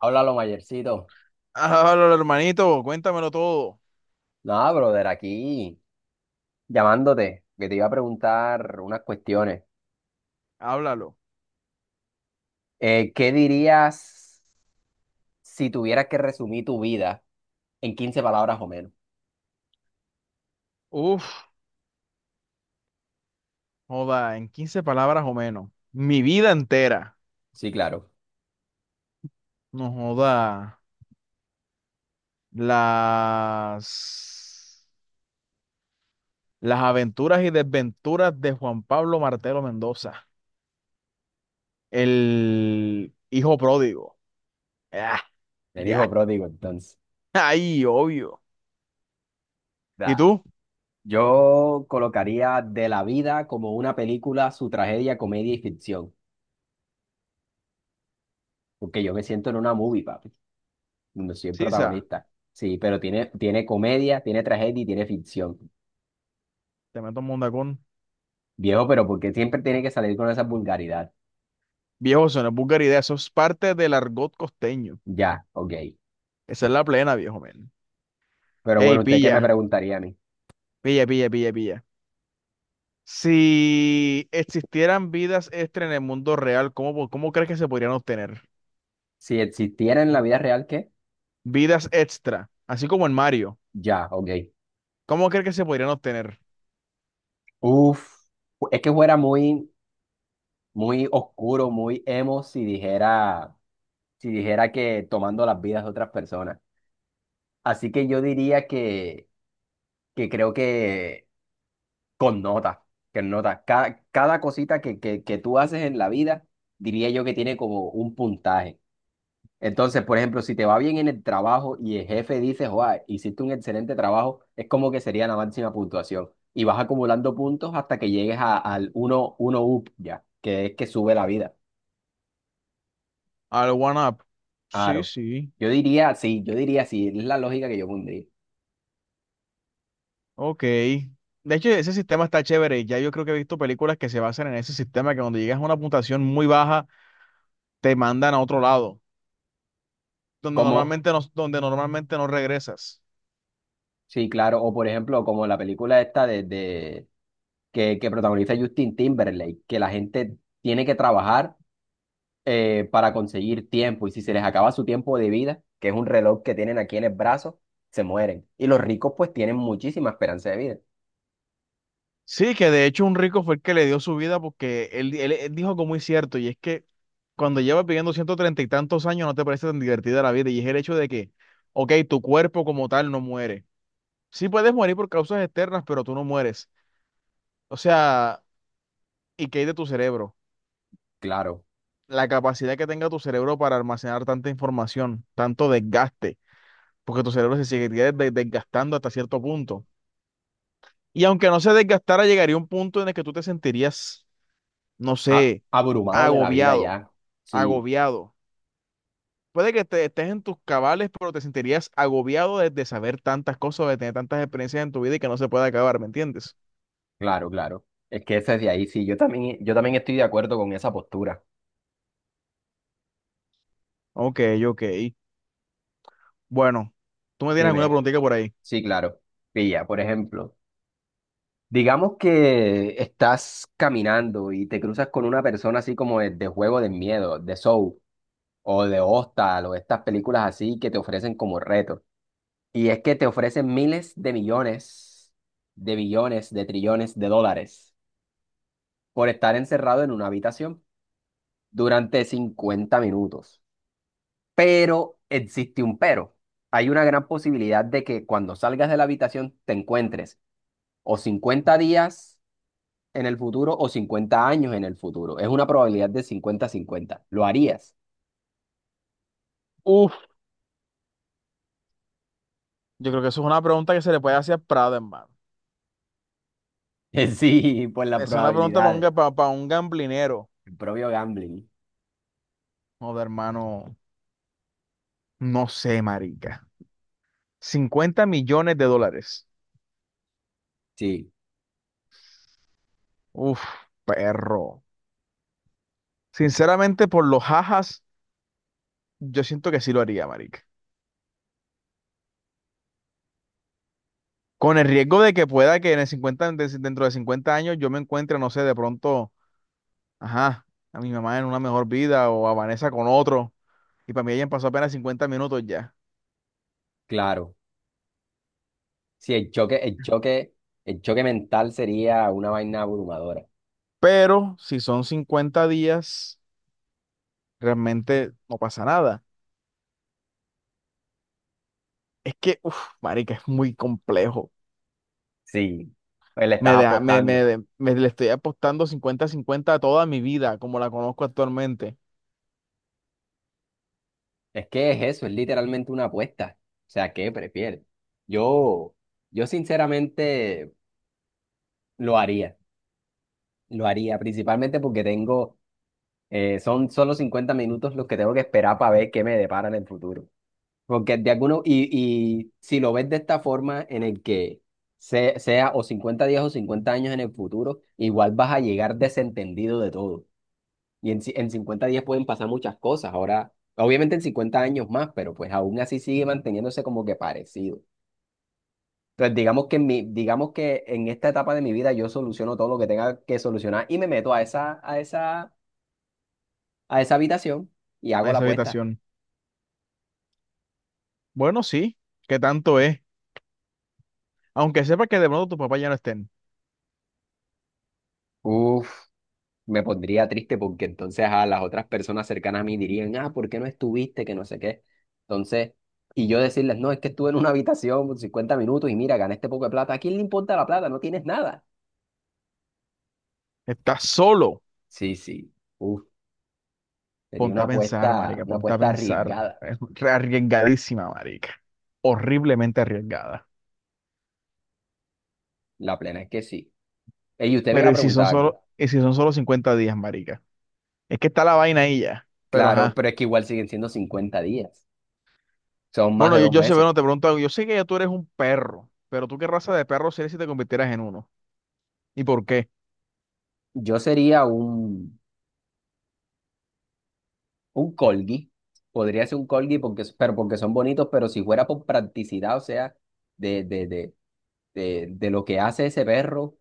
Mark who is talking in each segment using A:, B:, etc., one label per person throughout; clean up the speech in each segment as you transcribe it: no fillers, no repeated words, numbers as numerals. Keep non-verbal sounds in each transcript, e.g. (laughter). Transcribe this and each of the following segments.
A: Háblalo, Mayercito.
B: Háblalo, hermanito, cuéntamelo todo.
A: Nada, brother, aquí llamándote, que te iba a preguntar unas cuestiones.
B: Háblalo.
A: ¿Qué dirías si tuvieras que resumir tu vida en 15 palabras o menos?
B: Uf, joda, en 15 palabras o menos. Mi vida entera.
A: Sí, claro.
B: No joda. Las, las aventuras y desventuras de Juan Pablo Martelo Mendoza, el hijo pródigo. Ah,
A: El hijo
B: ya,
A: pródigo, entonces.
B: (laughs) ahí, obvio. ¿Y
A: Da.
B: tú?
A: Yo colocaría de la vida como una película, su tragedia, comedia y ficción. Porque yo me siento en una movie, papi, donde soy el
B: Sisa,
A: protagonista. Sí, pero tiene comedia, tiene tragedia y tiene ficción.
B: te meto un mundacón.
A: Viejo, ¿pero porque siempre tiene que salir con esa vulgaridad?
B: Viejo, eso no es vulgaridad, eso es parte del argot costeño.
A: Ya, ok.
B: Esa es la plena, viejo men.
A: Pero
B: Ey,
A: bueno, ¿usted qué me
B: pilla,
A: preguntaría a mí?
B: pilla, pilla, pilla, pilla. Si existieran vidas extra en el mundo real, ¿cómo crees que se podrían obtener?
A: Si existiera en la vida real, ¿qué?
B: Vidas extra, así como en Mario.
A: Ya, ok.
B: ¿Cómo crees que se podrían obtener?
A: Uf, es que fuera muy oscuro, muy emo si dijera, si dijera que tomando las vidas de otras personas. Así que yo diría que creo que con notas, que notas. Cada cosita que tú haces en la vida, diría yo que tiene como un puntaje. Entonces, por ejemplo, si te va bien en el trabajo y el jefe dice, joa, hiciste un excelente trabajo, es como que sería la máxima puntuación. Y vas acumulando puntos hasta que llegues al uno up ya, que es que sube la vida.
B: Al One Up. Sí,
A: Claro.
B: sí.
A: Yo diría, sí, es la lógica que yo pondría.
B: Ok. De hecho, ese sistema está chévere. Ya yo creo que he visto películas que se basan en ese sistema, que cuando llegas a una puntuación muy baja, te mandan a otro lado,
A: Como,
B: donde normalmente no regresas.
A: sí, claro, o por ejemplo, como la película esta que, protagoniza Justin Timberlake, que la gente tiene que trabajar para conseguir tiempo. Y si se les acaba su tiempo de vida, que es un reloj que tienen aquí en el brazo, se mueren. Y los ricos pues tienen muchísima esperanza de vida.
B: Sí, que de hecho un rico fue el que le dio su vida porque él dijo algo muy cierto, y es que cuando llevas viviendo 130 y tantos años no te parece tan divertida la vida, y es el hecho de que, ok, tu cuerpo como tal no muere. Sí puedes morir por causas externas, pero tú no mueres. O sea, ¿y qué hay de tu cerebro?
A: Claro,
B: La capacidad que tenga tu cerebro para almacenar tanta información, tanto desgaste, porque tu cerebro se seguiría desgastando hasta cierto punto. Y aunque no se desgastara, llegaría un punto en el que tú te sentirías, no
A: ah,
B: sé,
A: abrumados de la vida
B: agobiado
A: ya. Sí,
B: agobiado. Puede que estés en tus cabales, pero te sentirías agobiado de saber tantas cosas, de tener tantas experiencias en tu vida y que no se puede acabar, ¿me entiendes?
A: claro, claro. Es que eso es de ahí, sí. Yo también estoy de acuerdo con esa postura.
B: Ok, ok. Bueno, ¿tú me tienes alguna
A: Dime,
B: preguntita por ahí?
A: sí, claro. Pilla, por ejemplo, digamos que estás caminando y te cruzas con una persona así como de juego de miedo, de Soul o de Hostal o estas películas así que te ofrecen como retos. Y es que te ofrecen miles de millones, de billones, de trillones de dólares por estar encerrado en una habitación durante 50 minutos. Pero existe un pero. Hay una gran posibilidad de que cuando salgas de la habitación te encuentres o 50 días en el futuro o 50 años en el futuro. Es una probabilidad de 50 cincuenta. ¿Lo harías?
B: Uf, yo creo que eso es una pregunta que se le puede hacer a Prada, hermano.
A: (laughs) Sí, por la
B: Esa es una pregunta para un,
A: probabilidad.
B: pa un gamblinero.
A: El propio gambling.
B: Joder, hermano, no sé, marica. 50 millones de dólares.
A: Sí,
B: Uf, perro. Sinceramente, por los jajas, yo siento que sí lo haría, marica. Con el riesgo de que pueda que en el 50, de- dentro de 50 años yo me encuentre, no sé, de pronto, ajá, a mi mamá en una mejor vida o a Vanessa con otro. Y para mí hayan pasó apenas 50 minutos ya.
A: claro. Sí, el choque mental sería una vaina abrumadora.
B: Pero si son 50 días, realmente no pasa nada. Es que, uff, marica, es muy complejo.
A: Sí, pues le estás
B: Me, deja- me,
A: apostando.
B: de- me le estoy apostando 50 cincuenta a toda mi vida, como la conozco actualmente,
A: Es que es eso, es literalmente una apuesta. O sea, ¿qué prefieres? Yo, yo sinceramente lo haría, lo haría, principalmente porque son solo 50 minutos los que tengo que esperar para ver qué me depara en el futuro. Porque de alguno, y si lo ves de esta forma en el que sea o 50 días o 50 años en el futuro, igual vas a llegar desentendido de todo. Y en 50 días pueden pasar muchas cosas. Ahora, obviamente en 50 años más, pero pues aún así sigue manteniéndose como que parecido. Entonces, digamos que en esta etapa de mi vida yo soluciono todo lo que tenga que solucionar y me meto a esa habitación y
B: a
A: hago la
B: esa
A: apuesta.
B: habitación. Bueno, sí, ¿qué tanto es? Aunque sepa que de pronto tus papás ya no estén.
A: Uf, me pondría triste porque entonces a las otras personas cercanas a mí dirían, ah, ¿por qué no estuviste? Que no sé qué. Entonces, y yo decirles, no, es que estuve en una habitación por 50 minutos y mira, gané este poco de plata. ¿A quién le importa la plata? No tienes nada.
B: Estás solo.
A: Sí, sí. Uf. Sería
B: Ponte a pensar, marica,
A: una
B: ponte a
A: apuesta
B: pensar.
A: arriesgada.
B: Es re arriesgadísima, marica. Horriblemente arriesgada.
A: La plena es que sí. Ey, usted me iba
B: Pero
A: a
B: ¿y si son
A: preguntar algo.
B: solo 50 días, marica? Es que está la vaina ahí ya. Pero ajá.
A: Claro, pero es que igual siguen siendo 50 días. Son más de
B: Bueno, yo,
A: dos
B: yo sé,
A: meses.
B: bueno, te pregunto algo. Yo sé que ya tú eres un perro, pero tú qué raza de perro serías si te convirtieras en uno. ¿Y por qué?
A: Yo sería un corgi. Podría ser un corgi porque, pero porque son bonitos, pero si fuera por practicidad, o sea, de, de, de, de lo que hace ese perro,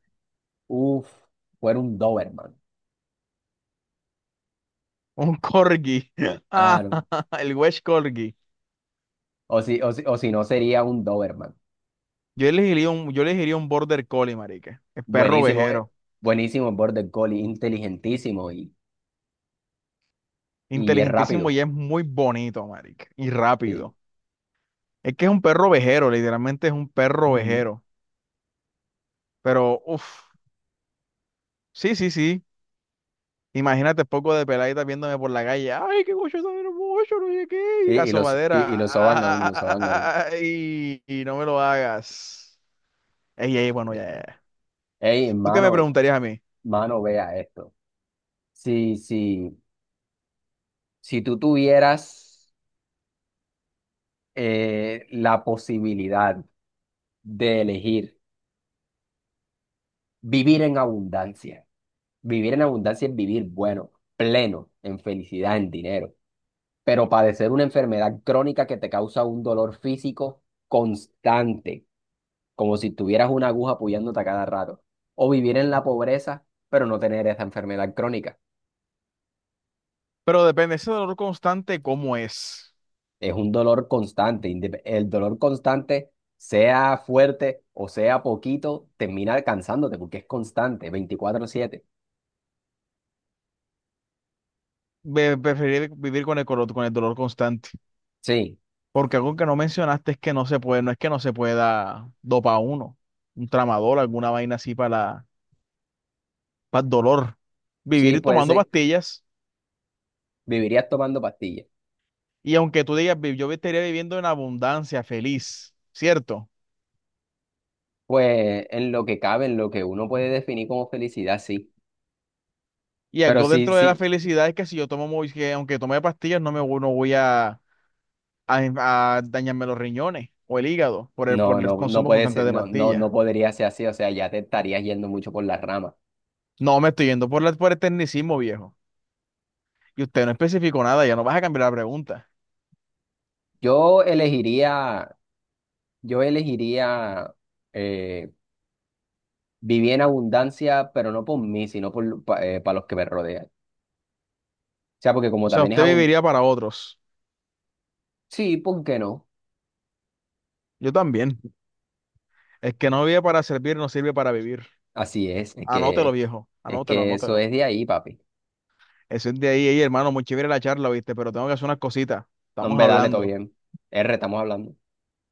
A: uff, fuera un Doberman.
B: Un corgi. (laughs)
A: Ah,
B: Ah,
A: no.
B: (laughs) el Welsh Corgi.
A: O si no, sería un Doberman.
B: Yo elegiría un Border Collie, marica. El perro
A: Buenísimo,
B: ovejero.
A: buenísimo Border Collie, inteligentísimo y es
B: Inteligentísimo
A: rápido.
B: y es muy bonito, marica. Y
A: Sí.
B: rápido. Es que es un perro ovejero, literalmente es un perro
A: Ujú.
B: ovejero. Pero, uff, sí, sí, sí. Imagínate poco de peladita viéndome por la calle. Ay, qué gocho tan hermoso, no sé qué. Y la
A: Y los soban a uno,
B: sobadera.
A: lo soban a uno.
B: Ay, (laughs) y no me lo hagas. Ey, ey, bueno, ya, ya, ya.
A: Ey,
B: ¿Tú qué me
A: hermano,
B: preguntarías a mí?
A: mano, vea esto. Si, si, si tú tuvieras la posibilidad de elegir vivir en abundancia, vivir en abundancia es vivir bueno, pleno, en felicidad, en dinero, pero padecer una enfermedad crónica que te causa un dolor físico constante, como si tuvieras una aguja apoyándote a cada rato, o vivir en la pobreza, pero no tener esa enfermedad crónica.
B: Pero depende, ese dolor constante, ¿cómo es?
A: Es un dolor constante. El dolor constante, sea fuerte o sea poquito, termina alcanzándote porque es constante, 24/7.
B: Preferir vivir con el, con el dolor constante.
A: Sí,
B: Porque algo que no mencionaste es que no se puede, no es que no se pueda dopar uno, un tramador, alguna vaina así para el dolor,
A: sí,
B: vivir
A: pues
B: tomando
A: sí,
B: pastillas,
A: vivirías tomando pastillas.
B: y aunque tú digas: "Yo estaría viviendo en abundancia, feliz, ¿cierto?".
A: Pues en lo que cabe, en lo que uno puede definir como felicidad, sí.
B: Y
A: Pero
B: algo
A: sí,
B: dentro de la
A: sí,
B: felicidad es que si yo tomo, muy- que aunque tome pastillas, no voy a, a dañarme los riñones o el hígado por el, por
A: no,
B: el
A: no, no
B: consumo
A: puede
B: constante
A: ser,
B: de Ok.
A: no, no,
B: pastillas.
A: no podría ser así. O sea, ya te estarías yendo mucho por las ramas.
B: No, me estoy yendo por, la, por el tecnicismo, viejo. Y usted no especificó nada, ya no vas a cambiar la pregunta.
A: Yo elegiría, yo elegiría eh, viví en abundancia, pero no por mí, sino por, para los que me rodean. O sea, porque como
B: O sea,
A: también es
B: usted
A: abundancia,
B: viviría para otros.
A: sí, ¿por qué no?
B: Yo también. El que no vive para servir no sirve para vivir.
A: Así es,
B: Anótelo, viejo.
A: es
B: Anótelo,
A: que eso
B: anótelo.
A: es de ahí, papi.
B: Eso es de ahí. Ey, hermano, muy chévere la charla, ¿viste? Pero tengo que hacer unas cositas.
A: No,
B: Estamos
A: hombre, dale, todo
B: hablando.
A: bien. R, estamos hablando.